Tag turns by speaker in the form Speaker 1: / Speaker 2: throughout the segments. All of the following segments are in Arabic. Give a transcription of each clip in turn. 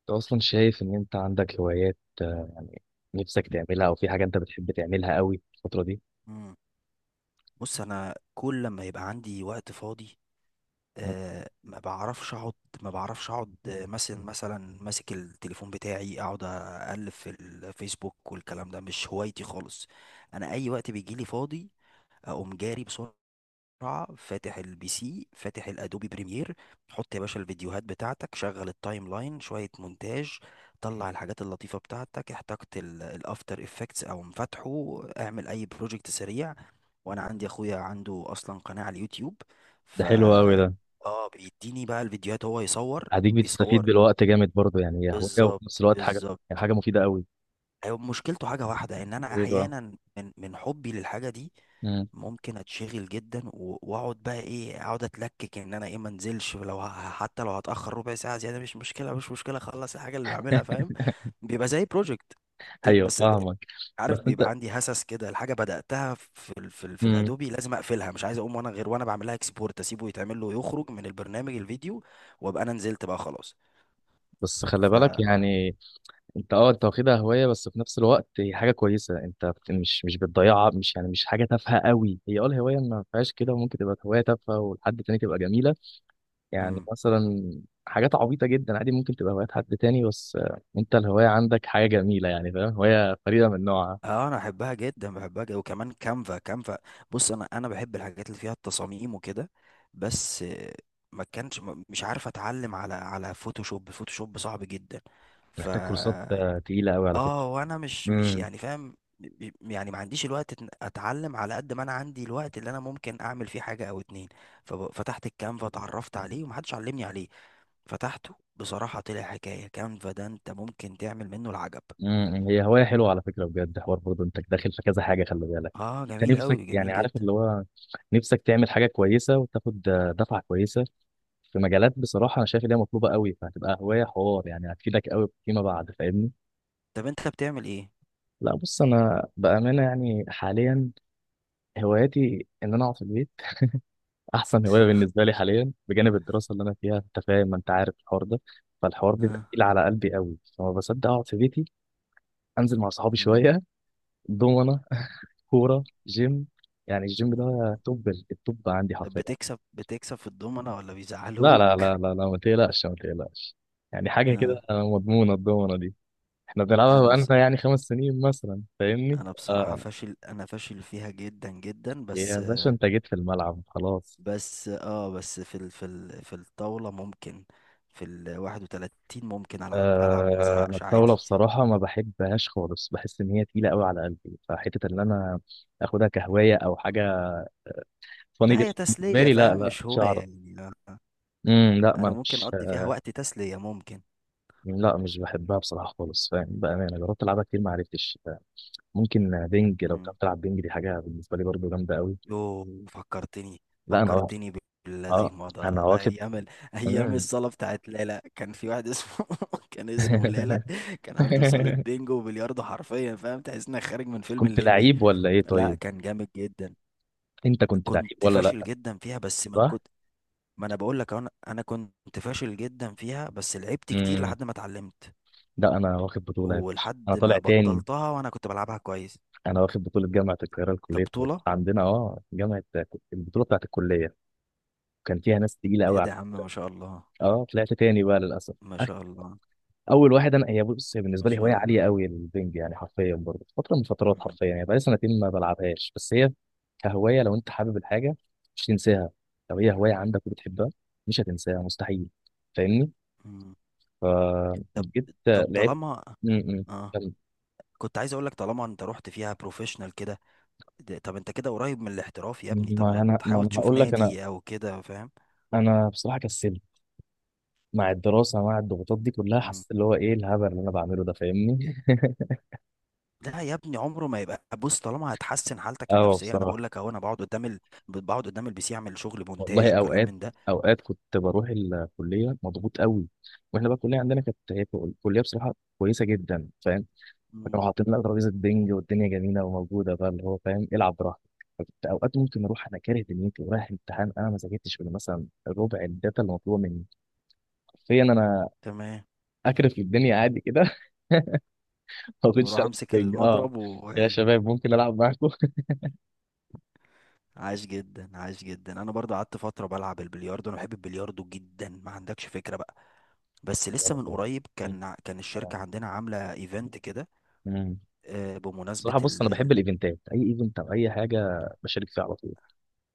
Speaker 1: انت اصلا شايف ان انت عندك هوايات يعني نفسك تعملها او في حاجه انت بتحب تعملها قوي الفتره دي.
Speaker 2: مم. بص انا كل لما يبقى عندي وقت فاضي
Speaker 1: مم.
Speaker 2: ما بعرفش اقعد. ما بعرفش اقعد، مثلا ماسك التليفون بتاعي، اقعد اقلب في الفيسبوك والكلام ده مش هوايتي خالص. انا اي وقت بيجي لي فاضي اقوم جاري بسرعة، فاتح البي سي، فاتح الادوبي بريمير. حط يا باشا الفيديوهات بتاعتك، شغل التايم لاين، شوية مونتاج، طلع الحاجات اللطيفة بتاعتك، احتجت الافتر افكتس او مفاتحه، اعمل اي بروجكت سريع. وانا عندي اخويا عنده اصلا قناة على اليوتيوب،
Speaker 1: ده
Speaker 2: ف
Speaker 1: حلو قوي ده.
Speaker 2: اه، بيديني بقى الفيديوهات، هو يصور
Speaker 1: هديك بتستفيد
Speaker 2: بيصور.
Speaker 1: بالوقت جامد برضه، يعني هي هوايه وفي نفس
Speaker 2: بالظبط
Speaker 1: الوقت حاجه، يعني
Speaker 2: بالظبط.
Speaker 1: حاجه مفيده قوي.
Speaker 2: ايوه، مشكلته حاجة واحدة، ان انا
Speaker 1: ايه بقى؟
Speaker 2: احيانا من حبي للحاجة دي
Speaker 1: مم.
Speaker 2: ممكن اتشغل جدا واقعد بقى ايه، اقعد اتلكك ان انا ايه، ما انزلش. لو حتى لو هتاخر ربع ساعه زياده مش مشكله، مش مشكله، اخلص الحاجه اللي بعملها، فاهم؟ بيبقى زي بروجكت
Speaker 1: ايوه
Speaker 2: بس.
Speaker 1: فاهمك. بس
Speaker 2: عارف،
Speaker 1: انت.
Speaker 2: بيبقى عندي هسس كده، الحاجه بداتها في
Speaker 1: مم.
Speaker 2: الادوبي لازم اقفلها، مش عايز اقوم وانا غير وانا بعملها اكسبورت، اسيبه يتعمل له، يخرج من البرنامج الفيديو، وابقى انا نزلت بقى خلاص.
Speaker 1: بس خلي
Speaker 2: ف
Speaker 1: بالك يعني، انت انت واخدها هواية بس في نفس الوقت هي حاجة كويسة، انت مش بتضيعها، مش يعني مش حاجة تافهة قوي، هي الهواية ما فيهاش كده، وممكن تبقى هواية تافهة ولحد تاني تبقى جميلة. يعني
Speaker 2: مم.
Speaker 1: مثلا حاجات عبيطة جدا عادي ممكن تبقى هوايات حد تاني، بس انت الهواية عندك حاجة جميلة، يعني فاهم، هواية فريدة من نوعها.
Speaker 2: اه انا بحبها جدا، بحبها جدا. وكمان كانفا، كانفا. بص انا بحب الحاجات اللي فيها التصاميم وكده، بس ما كانش ما- مش عارف اتعلم على فوتوشوب، الفوتوشوب صعب جدا. ف
Speaker 1: محتاج كورسات تقيلة قوي على فكرة.
Speaker 2: اه، وانا مش
Speaker 1: امم.
Speaker 2: يعني فاهم، يعني ما عنديش الوقت إن اتعلم، على قد ما انا عندي الوقت اللي انا ممكن اعمل فيه حاجه او اتنين. ففتحت الكانفا، اتعرفت عليه ومحدش علمني عليه، فتحته بصراحه طلع حكايه. كانفا ده انت ممكن تعمل منه العجب.
Speaker 1: امم، هي هواية حلوة على فكرة بجد، حوار برضه، انت داخل في كذا حاجة، خلي بالك.
Speaker 2: اه
Speaker 1: انت
Speaker 2: جميل
Speaker 1: نفسك
Speaker 2: قوي،
Speaker 1: يعني
Speaker 2: جميل
Speaker 1: عارف
Speaker 2: جدا.
Speaker 1: اللي هو نفسك تعمل حاجة كويسة وتاخد دفعة كويسة في مجالات، بصراحة انا شايف ان هي مطلوبة قوي، فهتبقى هواية حوار، يعني هتفيدك قوي فيما بعد، فاهمني؟
Speaker 2: طب انت بتعمل ايه؟
Speaker 1: لا بص، انا بأمانة يعني حاليا هواياتي ان انا اقعد في البيت، احسن هوايه بالنسبه لي حاليا بجانب الدراسه اللي انا فيها، انت فاهم، ما انت عارف الحوار ده. فالحوار بيبقى
Speaker 2: اه.
Speaker 1: تقيل على قلبي قوي، فما بصدق اقعد في بيتي. انزل مع صحابي
Speaker 2: مم.
Speaker 1: شويه، دومنه، كوره، جيم، يعني الجيم ده توب التوب عندي
Speaker 2: طب
Speaker 1: حرفيا.
Speaker 2: بتكسب، في الضمنه ولا
Speaker 1: لا لا
Speaker 2: بيزعلوك؟
Speaker 1: لا لا لا ما تقلقش ما تقلقش، يعني حاجه كده
Speaker 2: اه،
Speaker 1: مضمونه الدومنه دي. احنا بنلعبها
Speaker 2: انا
Speaker 1: بقالنا يعني 5 سنين مثلا، فاهمني؟
Speaker 2: انا بصراحه
Speaker 1: آه،
Speaker 2: فاشل، انا فاشل فيها جدا جدا،
Speaker 1: يا
Speaker 2: بس.
Speaker 1: باشا انت جيت في الملعب خلاص.
Speaker 2: بس في الطاولة ممكن، في ال 31 ممكن ألعب، ألعب وما
Speaker 1: أنا
Speaker 2: ازهقش
Speaker 1: الطاولة
Speaker 2: عادي.
Speaker 1: بصراحة ما بحبهاش خالص، بحس إن هي تقيلة قوي على قلبي، فحتة إن أنا آخدها كهواية أو
Speaker 2: مم.
Speaker 1: حاجة فاني
Speaker 2: لا،
Speaker 1: جدا
Speaker 2: هي
Speaker 1: بالنسبة
Speaker 2: تسلية،
Speaker 1: لي، لا
Speaker 2: فاهم؟
Speaker 1: لا
Speaker 2: مش هواية
Speaker 1: مش هعرف.
Speaker 2: يعني.
Speaker 1: امم، لا، ما
Speaker 2: أنا
Speaker 1: أنا
Speaker 2: ممكن
Speaker 1: مش
Speaker 2: أقضي فيها وقت تسلية، ممكن.
Speaker 1: لا مش بحبها بصراحة خالص، فاهم، بأمانة جربت ألعبها كتير ما عرفتش. ممكن بينج، لو
Speaker 2: مم.
Speaker 1: بتعرف تلعب بينج دي حاجة بالنسبة لي برضو جامدة قوي.
Speaker 2: يوه، فكرتني،
Speaker 1: لا أنا واخد.
Speaker 2: فكرتني
Speaker 1: أه
Speaker 2: بالذي مضى،
Speaker 1: أنا واخد.
Speaker 2: أيام
Speaker 1: مم.
Speaker 2: الصالة بتاعت ليلى. كان في واحد اسمه كان اسمه ليلى، كان عنده صالة بينجو وبلياردو حرفيا، فاهم؟ تحس إنك خارج من فيلم
Speaker 1: كنت
Speaker 2: الليمبي.
Speaker 1: لعيب ولا إيه
Speaker 2: لا،
Speaker 1: طيب؟
Speaker 2: كان جامد جدا.
Speaker 1: أنت كنت لعيب
Speaker 2: كنت
Speaker 1: ولا لا؟
Speaker 2: فاشل جدا فيها بس من
Speaker 1: صح؟
Speaker 2: كتر ما، انا بقول لك، انا كنت فاشل جدا فيها، بس لعبت كتير
Speaker 1: امم،
Speaker 2: لحد ما اتعلمت،
Speaker 1: لا أنا واخد بطولة يا باشا، أنا
Speaker 2: ولحد
Speaker 1: طالع
Speaker 2: ما
Speaker 1: تاني.
Speaker 2: بطلتها وانا كنت بلعبها كويس.
Speaker 1: انا واخد بطوله جامعه القاهره
Speaker 2: ده
Speaker 1: لكليه طب.
Speaker 2: بطولة.
Speaker 1: عندنا اه جامعه، البطوله بتاعت الكليه كان فيها ناس تقيله
Speaker 2: ايه
Speaker 1: قوي
Speaker 2: ده
Speaker 1: على.
Speaker 2: يا عم، ما شاء الله.
Speaker 1: اه طلعت تاني بقى للاسف.
Speaker 2: ما
Speaker 1: أخ-
Speaker 2: شاء الله.
Speaker 1: اول واحد. انا هي بص هي
Speaker 2: ما
Speaker 1: بالنسبه لي
Speaker 2: شاء
Speaker 1: هوايه
Speaker 2: الله.
Speaker 1: عاليه قوي البنج، يعني حرفيا برضه فتره من فترات،
Speaker 2: مم.
Speaker 1: حرفيا يعني بقالي سنتين ما بلعبهاش، بس هي كهوايه لو انت حابب الحاجه مش تنساها، لو هي هوايه عندك وبتحبها مش هتنساها مستحيل، فاهمني؟
Speaker 2: مم. طب
Speaker 1: فجيت
Speaker 2: طب
Speaker 1: لعبت.
Speaker 2: طالما،
Speaker 1: م- م.
Speaker 2: اه، كنت عايز اقول لك، طالما انت رحت فيها بروفيشنال كده، طب انت كده قريب من الاحتراف يا ابني، طب
Speaker 1: ما
Speaker 2: ما
Speaker 1: انا ما
Speaker 2: تحاول
Speaker 1: انا
Speaker 2: تشوف
Speaker 1: هقول لك، انا
Speaker 2: نادي او كده، فاهم؟
Speaker 1: انا بصراحه كسلت مع الدراسة، مع الضغوطات دي كلها حسيت اللي هو ايه الهبل اللي انا بعمله ده، فاهمني؟
Speaker 2: لا يا ابني، عمره ما يبقى. بص، طالما هتحسن حالتك
Speaker 1: اه
Speaker 2: النفسيه، انا
Speaker 1: بصراحة،
Speaker 2: بقول لك اهو، انا بقعد قدام بقعد قدام البي سي، اعمل شغل مونتاج
Speaker 1: والله
Speaker 2: وكلام
Speaker 1: اوقات،
Speaker 2: من ده.
Speaker 1: اوقات كنت بروح الكلية مضغوط قوي، واحنا بقى الكلية عندنا كانت هي كلية بصراحة كويسة جدا، فاهم، فكانوا
Speaker 2: مم.
Speaker 1: حاطين لنا ترابيزة بينج والدنيا جميلة وموجودة بقى، اللي هو فاهم العب براحتك. فكنت اوقات ممكن اروح انا كاره دنيتي ورايح امتحان انا ما ذاكرتش غير مثلا ربع الداتا اللي مطلوبة مني، حرفيا انا
Speaker 2: تمام.
Speaker 1: اكرف الدنيا عادي كده. ما كنتش
Speaker 2: واروح
Speaker 1: العب
Speaker 2: امسك
Speaker 1: بينج اه،
Speaker 2: المضرب
Speaker 1: يا
Speaker 2: واعيد.
Speaker 1: شباب ممكن العب معاكم.
Speaker 2: عاش جدا، عاش جدا. انا برضو قعدت فتره بلعب البلياردو، انا بحب البلياردو جدا، ما عندكش فكره بقى. بس
Speaker 1: يا
Speaker 2: لسه من قريب،
Speaker 1: رب.
Speaker 2: كان الشركه عندنا عامله ايفنت كده،
Speaker 1: امم،
Speaker 2: بمناسبه
Speaker 1: صراحة بص، أنا بحب الإيفنتات، أي إيفنت أو أي حاجة بشارك فيها على طول،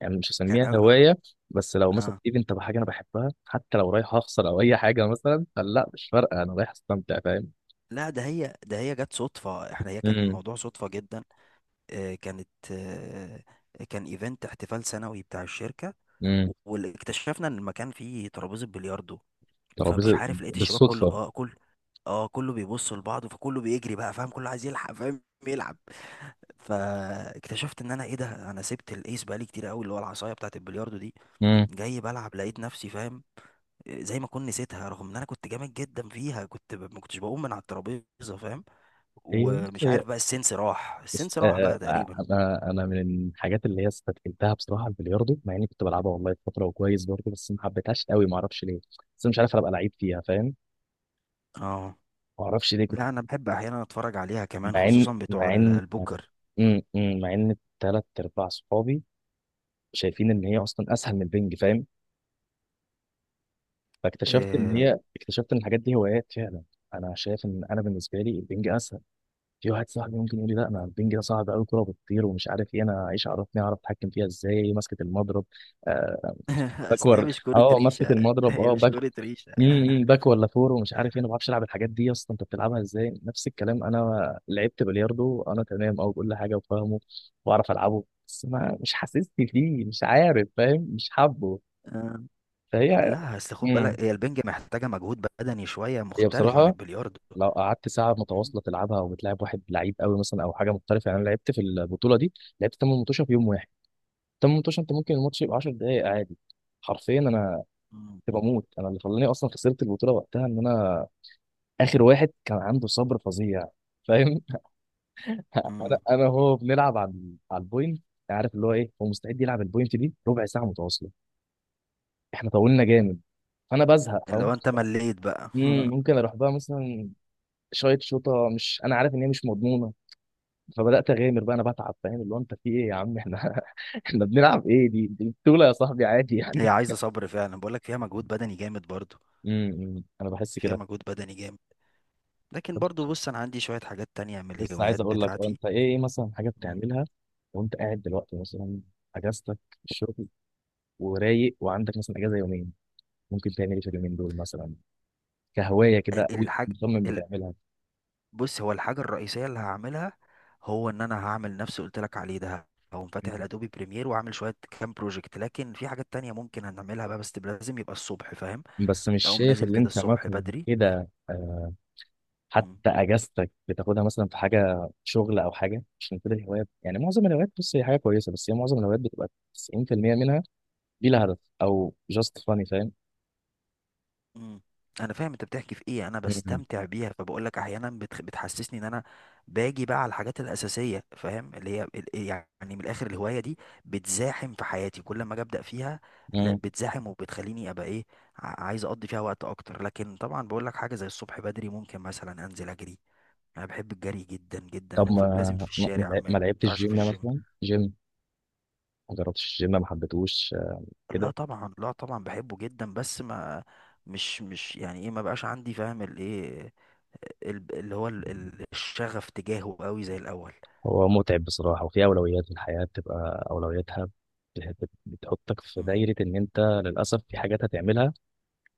Speaker 1: يعني مش
Speaker 2: كان
Speaker 1: هسميها
Speaker 2: أ-
Speaker 1: هواية، بس لو مثلا
Speaker 2: آه.
Speaker 1: إيفنت أو حاجة أنا بحبها حتى لو رايح أخسر أو أي حاجة مثلا، فلا مش فارقة أنا رايح أستمتع، فاهم.
Speaker 2: لا، ده هي جت صدفه. احنا، هي كان
Speaker 1: امم.
Speaker 2: الموضوع صدفه جدا. كانت، كان ايفنت احتفال سنوي بتاع الشركة،
Speaker 1: امم.
Speaker 2: واكتشفنا ان المكان فيه ترابيزة بلياردو. فمش
Speaker 1: ترابيزة.
Speaker 2: عارف، لقيت الشباب كله،
Speaker 1: بالصدفة.
Speaker 2: اه، كله بيبص لبعض، فكله بيجري بقى، فاهم؟ كله عايز يلحق، فاهم، يلعب. فاكتشفت ان انا، ايه ده، انا سبت الايس بقالي كتير قوي، اللي هو العصايه بتاعت البلياردو دي.
Speaker 1: امم.
Speaker 2: جاي بلعب لقيت نفسي، فاهم، زي ما كنت نسيتها، رغم ان انا كنت جامد جدا فيها، كنت ما كنتش بقوم من على الترابيزه، فاهم؟
Speaker 1: هي بص
Speaker 2: ومش
Speaker 1: هي.
Speaker 2: عارف بقى، السنس راح،
Speaker 1: بس
Speaker 2: السنس راح
Speaker 1: آه
Speaker 2: بقى
Speaker 1: آه،
Speaker 2: تقريبا.
Speaker 1: أنا من الحاجات اللي هي استثقلتها بصراحة البلياردو، مع إني كنت بلعبها والله فترة وكويس برضه، بس ما حبيتهاش قوي ما أعرفش ليه، بس أنا مش عارف أبقى لعيب فيها، فاهم،
Speaker 2: اه.
Speaker 1: ما أعرفش ليه كنت.
Speaker 2: لا، انا بحب احيانا اتفرج عليها كمان،
Speaker 1: مع ان
Speaker 2: خصوصا بتوع
Speaker 1: مع ان
Speaker 2: البوكر.
Speaker 1: مع ان ثلاث ارباع صحابي شايفين ان هي اصلا اسهل من البنج، فاهم، فاكتشفت ان
Speaker 2: إيه.
Speaker 1: هي، اكتشفت ان الحاجات دي هوايات فعلا. انا شايف ان انا بالنسبه لي البنج اسهل. في واحد صاحبي ممكن يقول لي لا انا البنج ده صعب قوي، كوره بتطير ومش عارف ايه، انا ايش عرفني اعرف اتحكم فيها ازاي ماسكه المضرب، آه،
Speaker 2: اصل هي
Speaker 1: باكور،
Speaker 2: مش كرة
Speaker 1: اه ماسكه
Speaker 2: ريشة،
Speaker 1: المضرب
Speaker 2: هي
Speaker 1: اه،
Speaker 2: مش كرة ريشة.
Speaker 1: باك ولا فور، ومش عارف ايه، انا ما بعرفش العب الحاجات دي اصلا، انت بتلعبها ازاي؟ نفس الكلام انا لعبت بلياردو انا تمام، او كل حاجه وفاهمه واعرف العبه، بس ما، مش حاسسني فيه، مش عارف فاهم، مش حابه.
Speaker 2: آه،
Speaker 1: فهي.
Speaker 2: لا، اصل خد
Speaker 1: امم،
Speaker 2: بالك، هي البنج محتاجة مجهود بدني شوية
Speaker 1: هي
Speaker 2: مختلف عن
Speaker 1: بصراحه
Speaker 2: البلياردو.
Speaker 1: لو قعدت ساعه
Speaker 2: مم.
Speaker 1: متواصله تلعبها، او بتلعب واحد لعيب قوي مثلا او حاجه مختلفه، يعني انا لعبت في البطوله دي لعبت 8 مطوشه في يوم واحد، 8 مطوشه، انت ممكن الماتش يبقى 10 دقائق عادي، حرفيا انا
Speaker 2: مم.
Speaker 1: كنت بموت. انا اللي خلاني اصلا خسرت البطوله وقتها ان انا اخر واحد كان عنده صبر فظيع، فاهم. انا
Speaker 2: مم.
Speaker 1: انا هو بنلعب على على البوينت، عارف اللي هو ايه، هو مستعد يلعب البوينت دي ربع ساعه متواصله، احنا طولنا جامد فانا بزهق،
Speaker 2: اللي
Speaker 1: فاهم.
Speaker 2: هو انت مليت بقى.
Speaker 1: امم، ممكن اروح بقى مثلا شايط شوطه، مش انا عارف ان هي مش مضمونه، فبدات اغامر بقى انا بتعب، فاهم، اللي هو انت في ايه يا عم احنا؟ احنا بنلعب ايه؟ دي بطوله يا صاحبي، عادي
Speaker 2: مم. هي
Speaker 1: يعني.
Speaker 2: عايزة صبر فعلا، بقول لك فيها مجهود بدني جامد برضو،
Speaker 1: امم، انا بحس
Speaker 2: فيها
Speaker 1: كده.
Speaker 2: مجهود بدني جامد. لكن برضو
Speaker 1: طب
Speaker 2: بص، انا عندي شوية حاجات تانية من
Speaker 1: لسه
Speaker 2: الهوايات
Speaker 1: عايز اقول لك، اه
Speaker 2: بتاعتي.
Speaker 1: انت ايه، ايه مثلا حاجه
Speaker 2: مم.
Speaker 1: بتعملها وانت قاعد دلوقتي، مثلا اجازتك في الشغل، ورايق وعندك مثلا اجازه يومين، ممكن تعمل ايه في اليومين دول مثلا؟ كهوايه كده او
Speaker 2: الحاج
Speaker 1: مصمم بتعملها.
Speaker 2: بص، هو الحاجة الرئيسية اللي هعملها، هو ان انا هعمل نفس اللي قلت لك عليه ده، هقوم فاتح الادوبي بريمير واعمل شوية كام بروجكت. لكن في حاجات تانية ممكن هنعملها بقى، بس لازم يبقى الصبح، فاهم؟
Speaker 1: بس مش
Speaker 2: اقوم
Speaker 1: شايف
Speaker 2: نازل
Speaker 1: اللي
Speaker 2: كده
Speaker 1: انت
Speaker 2: الصبح
Speaker 1: مثلا
Speaker 2: بدري.
Speaker 1: كده حتى
Speaker 2: مم.
Speaker 1: اجازتك بتاخدها مثلا في حاجه شغل او حاجه، عشان كده الهوايات يعني، معظم الهوايات بص هي حاجه كويسه، بس هي معظم الهوايات بتبقى 90% منها دي لها هدف او جاست فاني، فاهم.
Speaker 2: مم. انا فاهم انت بتحكي في ايه، انا
Speaker 1: مم.
Speaker 2: بستمتع بيها، فبقول لك احيانا بتحسسني ان انا باجي بقى على الحاجات الاساسيه، فاهم، اللي هي يعني، من الاخر، الهوايه دي بتزاحم في حياتي كل ما اجي ابدا فيها. لا،
Speaker 1: مم.
Speaker 2: بتزاحم وبتخليني ابقى، ايه، عايز اقضي فيها وقت اكتر. لكن طبعا بقول لك، حاجه زي الصبح بدري ممكن مثلا انزل اجري، انا بحب الجري جدا جدا،
Speaker 1: طب
Speaker 2: ولازم
Speaker 1: ما
Speaker 2: في
Speaker 1: ما
Speaker 2: الشارع،
Speaker 1: ما
Speaker 2: ما
Speaker 1: لعبتش
Speaker 2: ينفعش في
Speaker 1: جيم
Speaker 2: الجيم.
Speaker 1: مثلا، جيم ما جربتش الجيم ما حبيتهوش
Speaker 2: لا
Speaker 1: كده؟
Speaker 2: طبعا، لا طبعا، بحبه جدا، بس ما، مش يعني ايه، ما بقاش عندي، فاهم، الايه، اللي هو الشغف تجاهه قوي زي الاول.
Speaker 1: هو متعب بصراحة، وفي أولويات في الحياة بتبقى أولوياتها، بتحطك في
Speaker 2: مم.
Speaker 1: دايرة إن أنت للأسف في حاجات هتعملها،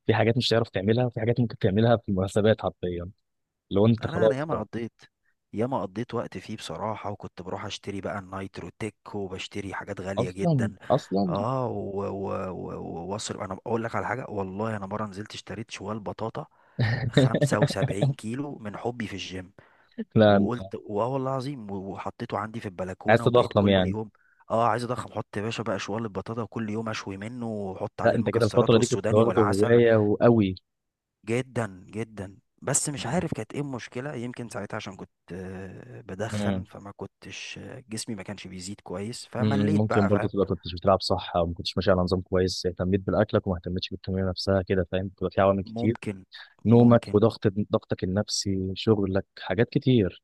Speaker 1: في حاجات مش هتعرف تعملها، وفي حاجات ممكن تعملها في المناسبات حرفيا، لو أنت
Speaker 2: انا
Speaker 1: خلاص
Speaker 2: ياما قضيت، ياما قضيت وقت فيه بصراحة، وكنت بروح اشتري بقى النايترو تيك، وبشتري حاجات غالية
Speaker 1: أصلا
Speaker 2: جدا.
Speaker 1: أصلا.
Speaker 2: اه واصرف، انا اقول لك على حاجة، والله انا مرة نزلت اشتريت شوال بطاطا 75 كيلو من حبي في الجيم،
Speaker 1: لا
Speaker 2: وقلت واه والله العظيم، وحطيته عندي في
Speaker 1: عايز
Speaker 2: البلكونة، وبقيت
Speaker 1: تضخم
Speaker 2: كل
Speaker 1: يعني.
Speaker 2: يوم، اه، عايز اضخم، حط يا باشا بقى شوال البطاطا، وكل يوم اشوي منه واحط
Speaker 1: لا
Speaker 2: عليه
Speaker 1: أنت كده
Speaker 2: المكسرات
Speaker 1: الفترة دي كنت
Speaker 2: والسوداني
Speaker 1: واخده
Speaker 2: والعسل.
Speaker 1: هواية وقوي.
Speaker 2: جدا جدا، بس مش
Speaker 1: مم.
Speaker 2: عارف كانت ايه المشكلة. يمكن ساعتها عشان كنت بدخن،
Speaker 1: مم.
Speaker 2: فما كنتش، جسمي ما كانش بيزيد كويس، فمليت
Speaker 1: ممكن
Speaker 2: بقى،
Speaker 1: برضه
Speaker 2: فاهم؟
Speaker 1: تبقى كنتش بتلعب صح، أو ما كنتش ماشي على نظام كويس، اهتميت بالأكلك وما اهتمتش بالتمرين نفسها كده، فاهم، بتبقى في عوامل كتير،
Speaker 2: ممكن.
Speaker 1: نومك
Speaker 2: ممكن.
Speaker 1: وضغط، ضغطك النفسي، شغلك، حاجات كتير.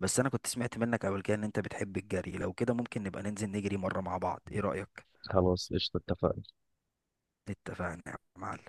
Speaker 2: بس انا كنت سمعت منك قبل كده ان انت بتحب الجري، لو كده ممكن نبقى ننزل نجري مرة مع بعض، ايه رأيك؟
Speaker 1: خلاص قشطة اتفقنا.
Speaker 2: اتفقنا يا معلم.